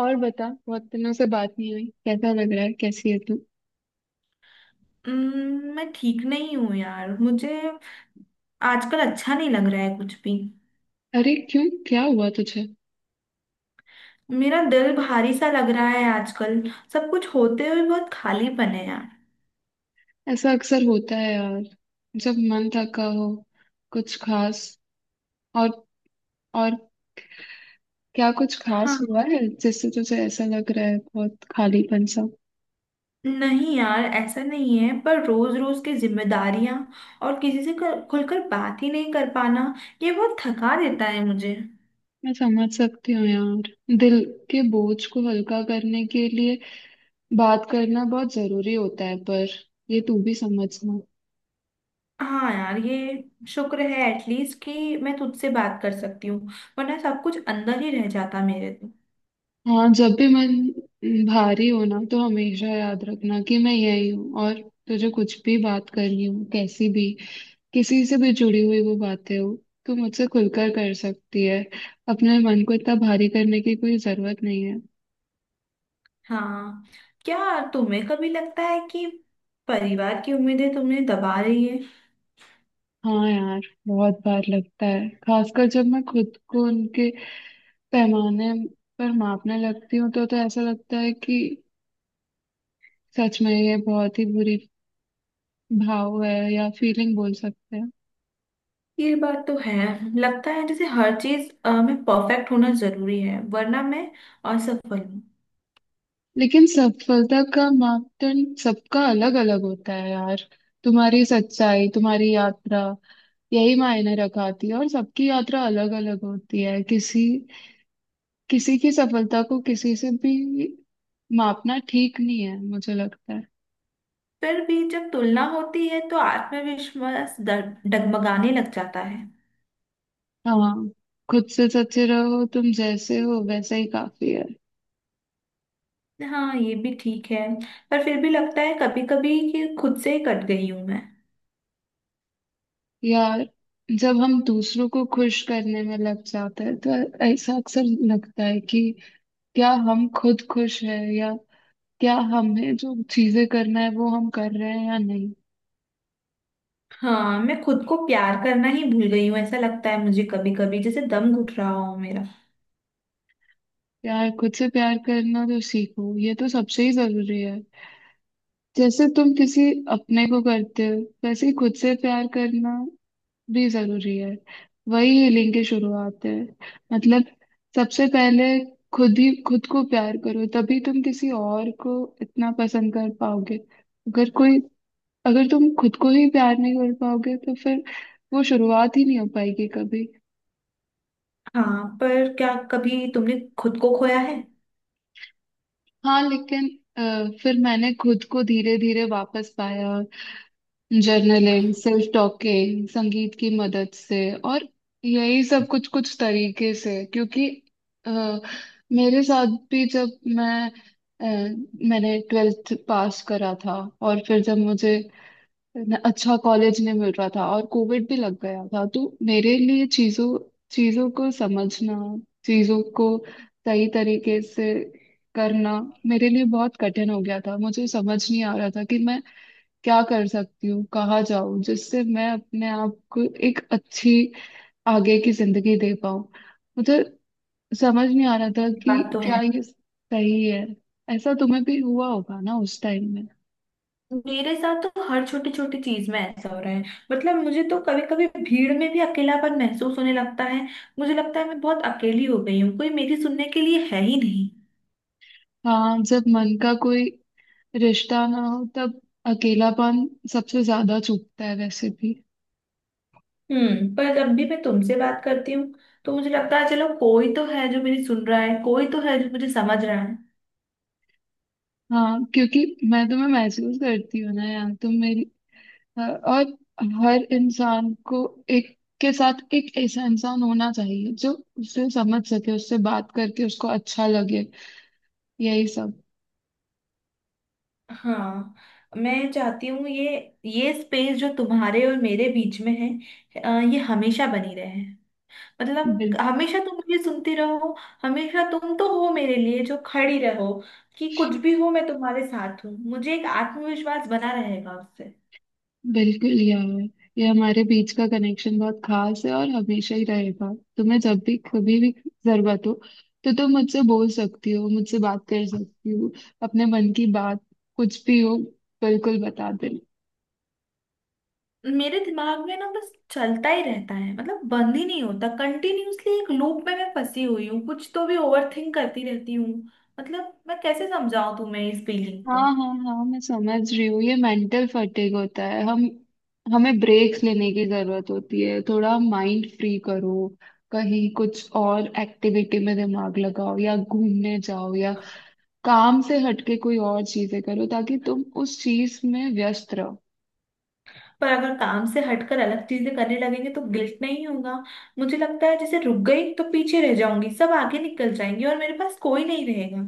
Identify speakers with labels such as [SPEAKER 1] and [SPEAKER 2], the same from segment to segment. [SPEAKER 1] और बता, बहुत दिनों से बात नहीं हुई। कैसा लग रहा है? कैसी है तू?
[SPEAKER 2] मैं ठीक नहीं हूँ यार। मुझे आजकल अच्छा नहीं लग रहा है कुछ भी।
[SPEAKER 1] अरे क्यों? क्या हुआ तुझे?
[SPEAKER 2] मेरा दिल भारी सा लग रहा है आजकल। सब कुछ होते हुए बहुत खालीपन है यार।
[SPEAKER 1] ऐसा अक्सर होता है यार, जब मन थका हो। कुछ खास और और क्या कुछ खास
[SPEAKER 2] हाँ,
[SPEAKER 1] हुआ है जिससे तुझे ऐसा लग रहा है, बहुत खालीपन सा?
[SPEAKER 2] नहीं यार ऐसा नहीं है, पर रोज रोज की जिम्मेदारियां और किसी से खुलकर बात ही नहीं कर पाना, ये बहुत थका देता है मुझे।
[SPEAKER 1] मैं समझ सकती हूँ यार। दिल के बोझ को हल्का करने के लिए बात करना बहुत जरूरी होता है, पर ये तू भी समझना।
[SPEAKER 2] हाँ यार, ये शुक्र है एटलीस्ट कि मैं तुझसे बात कर सकती हूँ, वरना सब कुछ अंदर ही रह जाता मेरे तो।
[SPEAKER 1] हाँ, जब भी मन भारी हो ना तो हमेशा याद रखना कि मैं यही हूँ, और तुझे कुछ भी बात करनी हो, कैसी भी, किसी से भी जुड़ी हुई वो बातें हो, तू मुझसे खुलकर कर सकती है। अपने मन को इतना भारी करने की कोई जरूरत नहीं है।
[SPEAKER 2] हाँ। क्या तुम्हें कभी लगता है कि परिवार की उम्मीदें तुमने दबा रही है।
[SPEAKER 1] हाँ यार, बहुत बार लगता है, खासकर जब मैं खुद को उनके पैमाने पर मापने लगती हूँ तो ऐसा लगता है कि सच में ये बहुत ही बुरी भाव है, या फीलिंग बोल सकते हैं।
[SPEAKER 2] ये बात तो है। लगता है जैसे हर चीज में परफेक्ट होना जरूरी है, वरना मैं असफल हूँ।
[SPEAKER 1] लेकिन सफलता का मापदंड सबका अलग अलग होता है यार। तुम्हारी सच्चाई, तुम्हारी यात्रा, यही मायने रखाती है। और सबकी यात्रा अलग अलग होती है। किसी किसी की सफलता को किसी से भी मापना ठीक नहीं है, मुझे लगता है।
[SPEAKER 2] फिर भी जब तुलना होती है तो आत्मविश्वास डगमगाने लग जाता है।
[SPEAKER 1] हाँ, खुद से सच्चे रहो, तुम जैसे हो वैसे ही काफी है।
[SPEAKER 2] हाँ ये भी ठीक है। पर फिर भी लगता है कभी कभी कि खुद से ही कट गई हूँ मैं।
[SPEAKER 1] यार, जब हम दूसरों को खुश करने में लग जाते हैं तो ऐसा अक्सर लगता है कि क्या हम खुद खुश हैं, या क्या हमें जो चीजें करना है वो हम कर रहे हैं या नहीं।
[SPEAKER 2] हाँ, मैं खुद को प्यार करना ही भूल गई हूँ। ऐसा लगता है मुझे कभी कभी जैसे दम घुट रहा हो मेरा।
[SPEAKER 1] प्यार, खुद से प्यार करना तो सीखो, ये तो सबसे ही जरूरी है। जैसे तुम किसी अपने को करते हो वैसे ही खुद से प्यार करना भी जरूरी है। वही हीलिंग की शुरुआत है। मतलब, सबसे पहले खुद ही खुद को प्यार करो, तभी तुम किसी और को इतना पसंद कर पाओगे। अगर कोई, अगर तुम खुद को ही प्यार नहीं कर पाओगे तो फिर वो शुरुआत ही नहीं हो पाएगी कभी।
[SPEAKER 2] हाँ, पर क्या कभी तुमने खुद को खोया है।
[SPEAKER 1] हाँ, लेकिन अ, फिर मैंने खुद को धीरे धीरे वापस पाया। जर्नलिंग, सेल्फ टॉकिंग, संगीत की मदद से। और यही सब कुछ कुछ तरीके से, क्योंकि अ, मेरे साथ भी जब मैं मैंने ट्वेल्थ पास करा था, और फिर जब मुझे अच्छा कॉलेज नहीं मिल रहा था और कोविड भी लग गया था, तो मेरे लिए चीजों चीजों को समझना, चीजों को सही तरीके से करना मेरे लिए बहुत कठिन हो गया था। मुझे समझ नहीं आ रहा था कि मैं क्या कर सकती हूँ, कहाँ जाऊँ, जिससे मैं अपने आप को एक अच्छी आगे की जिंदगी दे पाऊँ। मुझे समझ नहीं आ रहा था
[SPEAKER 2] ये बात
[SPEAKER 1] कि
[SPEAKER 2] तो
[SPEAKER 1] क्या
[SPEAKER 2] है।
[SPEAKER 1] ये सही है। ऐसा तुम्हें भी हुआ होगा ना उस टाइम में?
[SPEAKER 2] मेरे साथ तो हर छोटी छोटी चीज में ऐसा हो रहा है। मतलब मुझे तो कभी कभी भीड़ में भी अकेलापन महसूस होने लगता है। मुझे लगता है मैं बहुत अकेली हो गई हूँ, कोई मेरी सुनने के लिए है ही नहीं।
[SPEAKER 1] हाँ, जब मन का कोई रिश्ता ना हो तब अकेलापन सबसे ज्यादा चुभता है वैसे भी।
[SPEAKER 2] हम्म, पर जब भी मैं तुमसे बात करती हूँ तो मुझे लगता है चलो कोई तो है जो मेरी सुन रहा है, कोई तो है जो मुझे समझ रहा है।
[SPEAKER 1] हाँ, क्योंकि मैं तुम्हें महसूस करती हूँ ना यार, तुम मेरी। और हर इंसान को एक के साथ एक ऐसा इंसान होना चाहिए जो उसे समझ सके, उससे बात करके उसको अच्छा लगे, यही सब।
[SPEAKER 2] हाँ, मैं चाहती हूँ ये स्पेस जो तुम्हारे और मेरे बीच में है ये हमेशा बनी रहे। मतलब हमेशा तुम मुझे सुनती रहो, हमेशा तुम तो हो मेरे लिए जो खड़ी रहो कि कुछ भी हो मैं तुम्हारे साथ हूँ, मुझे एक आत्मविश्वास बना रहेगा उससे।
[SPEAKER 1] बिल्कुल यार, ये हमारे बीच का कनेक्शन बहुत खास है और हमेशा ही रहेगा। तुम्हें जब भी, कभी भी जरूरत हो तो तुम मुझसे बोल सकती हो, मुझसे बात कर सकती हो। अपने मन की बात, कुछ भी हो, बिल्कुल बता देना।
[SPEAKER 2] मेरे दिमाग में ना बस चलता ही रहता है, मतलब बंद ही नहीं होता कंटिन्यूअसली, एक लूप में मैं फंसी हुई हूँ, कुछ तो भी ओवर थिंक करती रहती हूँ। मतलब मैं कैसे समझाऊं तुम्हें इस फीलिंग
[SPEAKER 1] हाँ
[SPEAKER 2] को।
[SPEAKER 1] हाँ हाँ, मैं समझ रही हूँ। ये मेंटल फटीग होता है। हम हमें ब्रेक्स लेने की जरूरत होती है। थोड़ा माइंड फ्री करो, कहीं कुछ और एक्टिविटी में दिमाग लगाओ, या घूमने जाओ, या काम से हटके कोई और चीजें करो, ताकि तुम उस चीज में व्यस्त रहो।
[SPEAKER 2] पर अगर काम से हटकर अलग चीजें करने लगेंगे तो गिल्ट नहीं होगा। मुझे लगता है जैसे रुक गई तो पीछे रह जाऊंगी, सब आगे निकल जाएंगे और मेरे पास कोई नहीं रहेगा।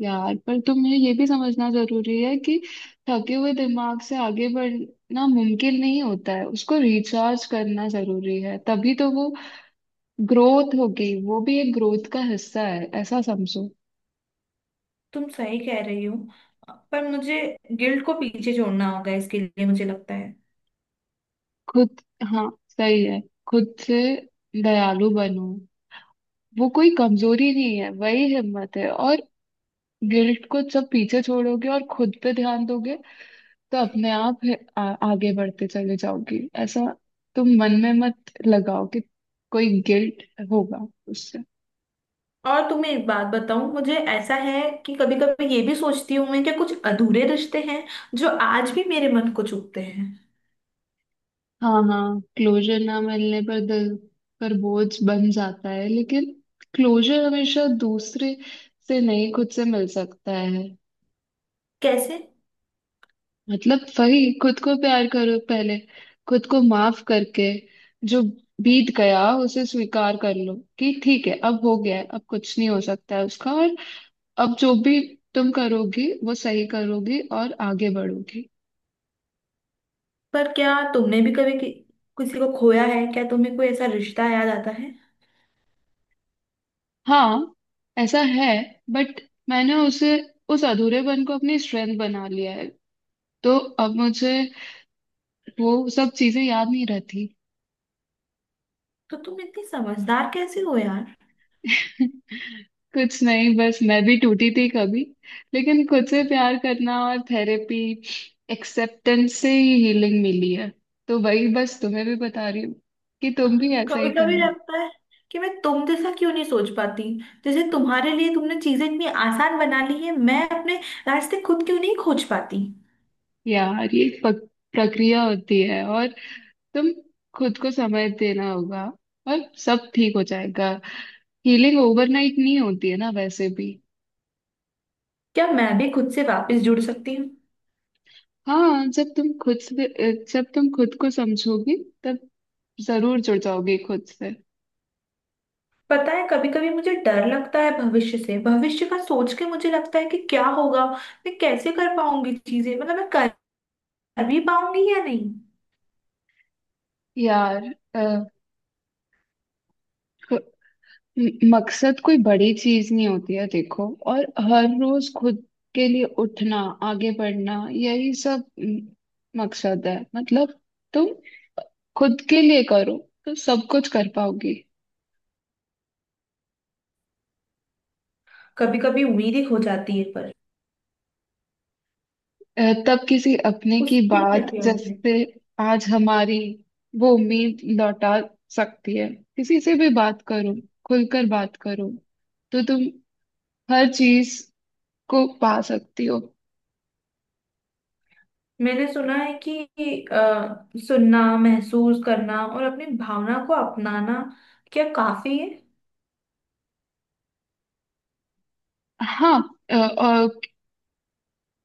[SPEAKER 1] यार, पर तुम्हें ये भी समझना जरूरी है कि थके हुए दिमाग से आगे बढ़ना मुमकिन नहीं होता है। उसको रिचार्ज करना जरूरी है, तभी तो वो ग्रोथ होगी। वो भी एक ग्रोथ का हिस्सा है, ऐसा समझो।
[SPEAKER 2] तुम सही कह रही हो। पर मुझे गिल्ड को पीछे छोड़ना होगा इसके लिए मुझे लगता है।
[SPEAKER 1] खुद, हाँ, सही है, खुद से दयालु बनो। वो कोई कमजोरी नहीं है, वही हिम्मत है। और गिल्ट को जब पीछे छोड़ोगे और खुद पे ध्यान दोगे, तो अपने आप आगे बढ़ते चले जाओगी। ऐसा तुम मन में मत लगाओ कि कोई गिल्ट होगा उससे।
[SPEAKER 2] और तुम्हें एक बात बताऊं, मुझे ऐसा है कि कभी कभी ये भी सोचती हूं मैं कि कुछ अधूरे रिश्ते हैं जो आज भी मेरे मन को चुभते हैं।
[SPEAKER 1] हाँ हाँ, क्लोजर ना मिलने पर दिल पर बोझ बन जाता है, लेकिन क्लोजर हमेशा दूसरे से नहीं, खुद से मिल सकता है।
[SPEAKER 2] कैसे।
[SPEAKER 1] मतलब वही, खुद को प्यार करो पहले, खुद को माफ करके। जो बीत गया उसे स्वीकार कर लो कि ठीक है, अब हो गया है, अब कुछ नहीं हो सकता है उसका। और अब जो भी तुम करोगी वो सही करोगी और आगे बढ़ोगी।
[SPEAKER 2] पर क्या तुमने भी कभी किसी को खोया है। क्या तुम्हें कोई ऐसा रिश्ता याद आता है।
[SPEAKER 1] हाँ, ऐसा है, बट मैंने उसे, उस अधूरेपन को अपनी स्ट्रेंथ बना लिया है। तो अब मुझे वो सब चीजें याद नहीं रहती।
[SPEAKER 2] तो तुम इतनी समझदार कैसे हो यार।
[SPEAKER 1] कुछ नहीं, बस मैं भी टूटी थी कभी, लेकिन खुद से प्यार करना और थेरेपी, एक्सेप्टेंस से ही हीलिंग मिली है। तो वही बस तुम्हें भी बता रही हूँ कि तुम भी ऐसा ही
[SPEAKER 2] कभी कभी
[SPEAKER 1] करो।
[SPEAKER 2] लगता है कि मैं तुम जैसा क्यों नहीं सोच पाती। जैसे तुम्हारे लिए तुमने चीजें इतनी आसान बना ली है, मैं अपने रास्ते खुद क्यों नहीं खोज पाती।
[SPEAKER 1] यार, ये एक प्रक्रिया होती है, और तुम खुद को समय देना होगा और सब ठीक हो जाएगा। हीलिंग ओवरनाइट नहीं होती है ना वैसे भी।
[SPEAKER 2] क्या मैं भी खुद से वापस जुड़ सकती हूँ।
[SPEAKER 1] हाँ, जब तुम खुद से जब तुम खुद को समझोगी तब जरूर जुड़ जाओगी खुद से।
[SPEAKER 2] पता है कभी कभी मुझे डर लगता है भविष्य से, भविष्य का सोच के मुझे लगता है कि क्या होगा, मैं कैसे कर पाऊंगी चीजें, मतलब मैं कर भी पाऊंगी या नहीं।
[SPEAKER 1] यार, अ, क- मकसद कोई बड़ी चीज नहीं होती है, देखो। और हर रोज खुद के लिए उठना, आगे बढ़ना, यही सब मकसद है। मतलब तुम खुद के लिए करो तो सब कुछ कर पाओगी।
[SPEAKER 2] कभी कभी उम्मीद ही खो जाती है पर
[SPEAKER 1] तब किसी अपने की
[SPEAKER 2] उसकी क्या
[SPEAKER 1] बात,
[SPEAKER 2] किया जाए?
[SPEAKER 1] जैसे आज हमारी, वो उम्मीद लौटा सकती है। किसी से भी बात करो, खुलकर बात करो तो तुम हर चीज को पा सकती हो।
[SPEAKER 2] मैंने सुना है कि सुनना, महसूस करना और अपनी भावना को अपनाना, क्या काफी है।
[SPEAKER 1] हाँ, अ, अ,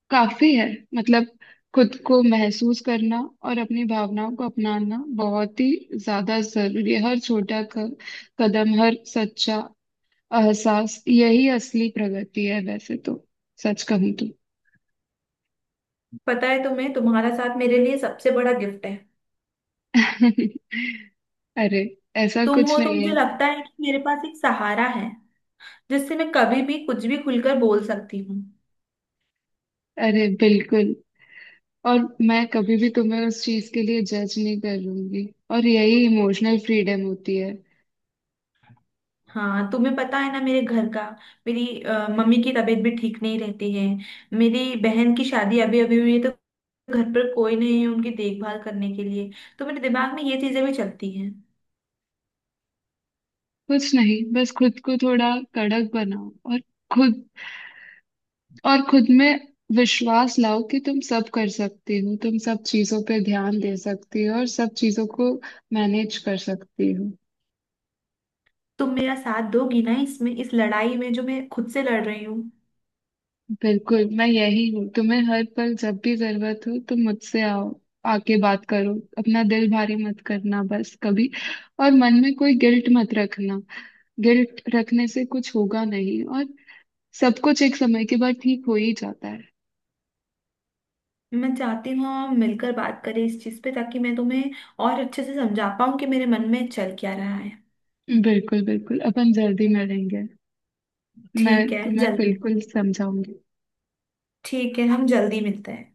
[SPEAKER 1] काफी है। मतलब खुद को महसूस करना और अपनी भावनाओं को अपनाना बहुत ही ज्यादा जरूरी है। हर छोटा कदम, हर सच्चा एहसास, यही असली प्रगति है वैसे तो, सच कहूँ तो।
[SPEAKER 2] पता है तुम्हें, तुम्हारा साथ मेरे लिए सबसे बड़ा गिफ्ट है।
[SPEAKER 1] अरे, ऐसा
[SPEAKER 2] तुम
[SPEAKER 1] कुछ
[SPEAKER 2] हो तो
[SPEAKER 1] नहीं
[SPEAKER 2] मुझे
[SPEAKER 1] है।
[SPEAKER 2] लगता है कि मेरे पास एक सहारा है जिससे मैं कभी भी कुछ भी खुलकर बोल सकती हूँ।
[SPEAKER 1] अरे बिल्कुल, और मैं कभी भी तुम्हें उस चीज के लिए जज नहीं करूंगी, और यही इमोशनल फ्रीडम होती है।
[SPEAKER 2] हाँ तुम्हें पता है ना, मेरे घर का, मेरी मम्मी की तबीयत भी ठीक नहीं रहती है, मेरी बहन की शादी अभी अभी हुई है तो घर पर कोई नहीं है उनकी देखभाल करने के लिए। तो मेरे दिमाग में ये चीजें भी चलती हैं।
[SPEAKER 1] कुछ नहीं, बस खुद को थोड़ा कड़क बनाओ, और खुद, और खुद में विश्वास लाओ कि तुम सब कर सकती हो, तुम सब चीजों पे ध्यान दे सकती हो और सब चीजों को मैनेज कर सकती हो।
[SPEAKER 2] तुम मेरा साथ दोगी ना इसमें, इस लड़ाई में जो मैं खुद से लड़ रही हूँ।
[SPEAKER 1] बिल्कुल, मैं यही हूँ। तुम्हें हर पल जब भी जरूरत हो, तुम मुझसे आओ, आके बात करो। अपना दिल भारी मत करना बस कभी, और मन में कोई गिल्ट मत रखना। गिल्ट रखने से कुछ होगा नहीं, और सब कुछ एक समय के बाद ठीक हो ही जाता है।
[SPEAKER 2] मैं चाहती हूँ हम मिलकर बात करें इस चीज़ पे ताकि मैं तुम्हें और अच्छे से समझा पाऊँ कि मेरे मन में चल क्या रहा है।
[SPEAKER 1] बिल्कुल बिल्कुल, अपन जल्दी मिलेंगे। मैं
[SPEAKER 2] ठीक है,
[SPEAKER 1] तुम्हें
[SPEAKER 2] जल्दी।
[SPEAKER 1] बिल्कुल समझाऊंगी।
[SPEAKER 2] ठीक है, हम जल्दी मिलते हैं।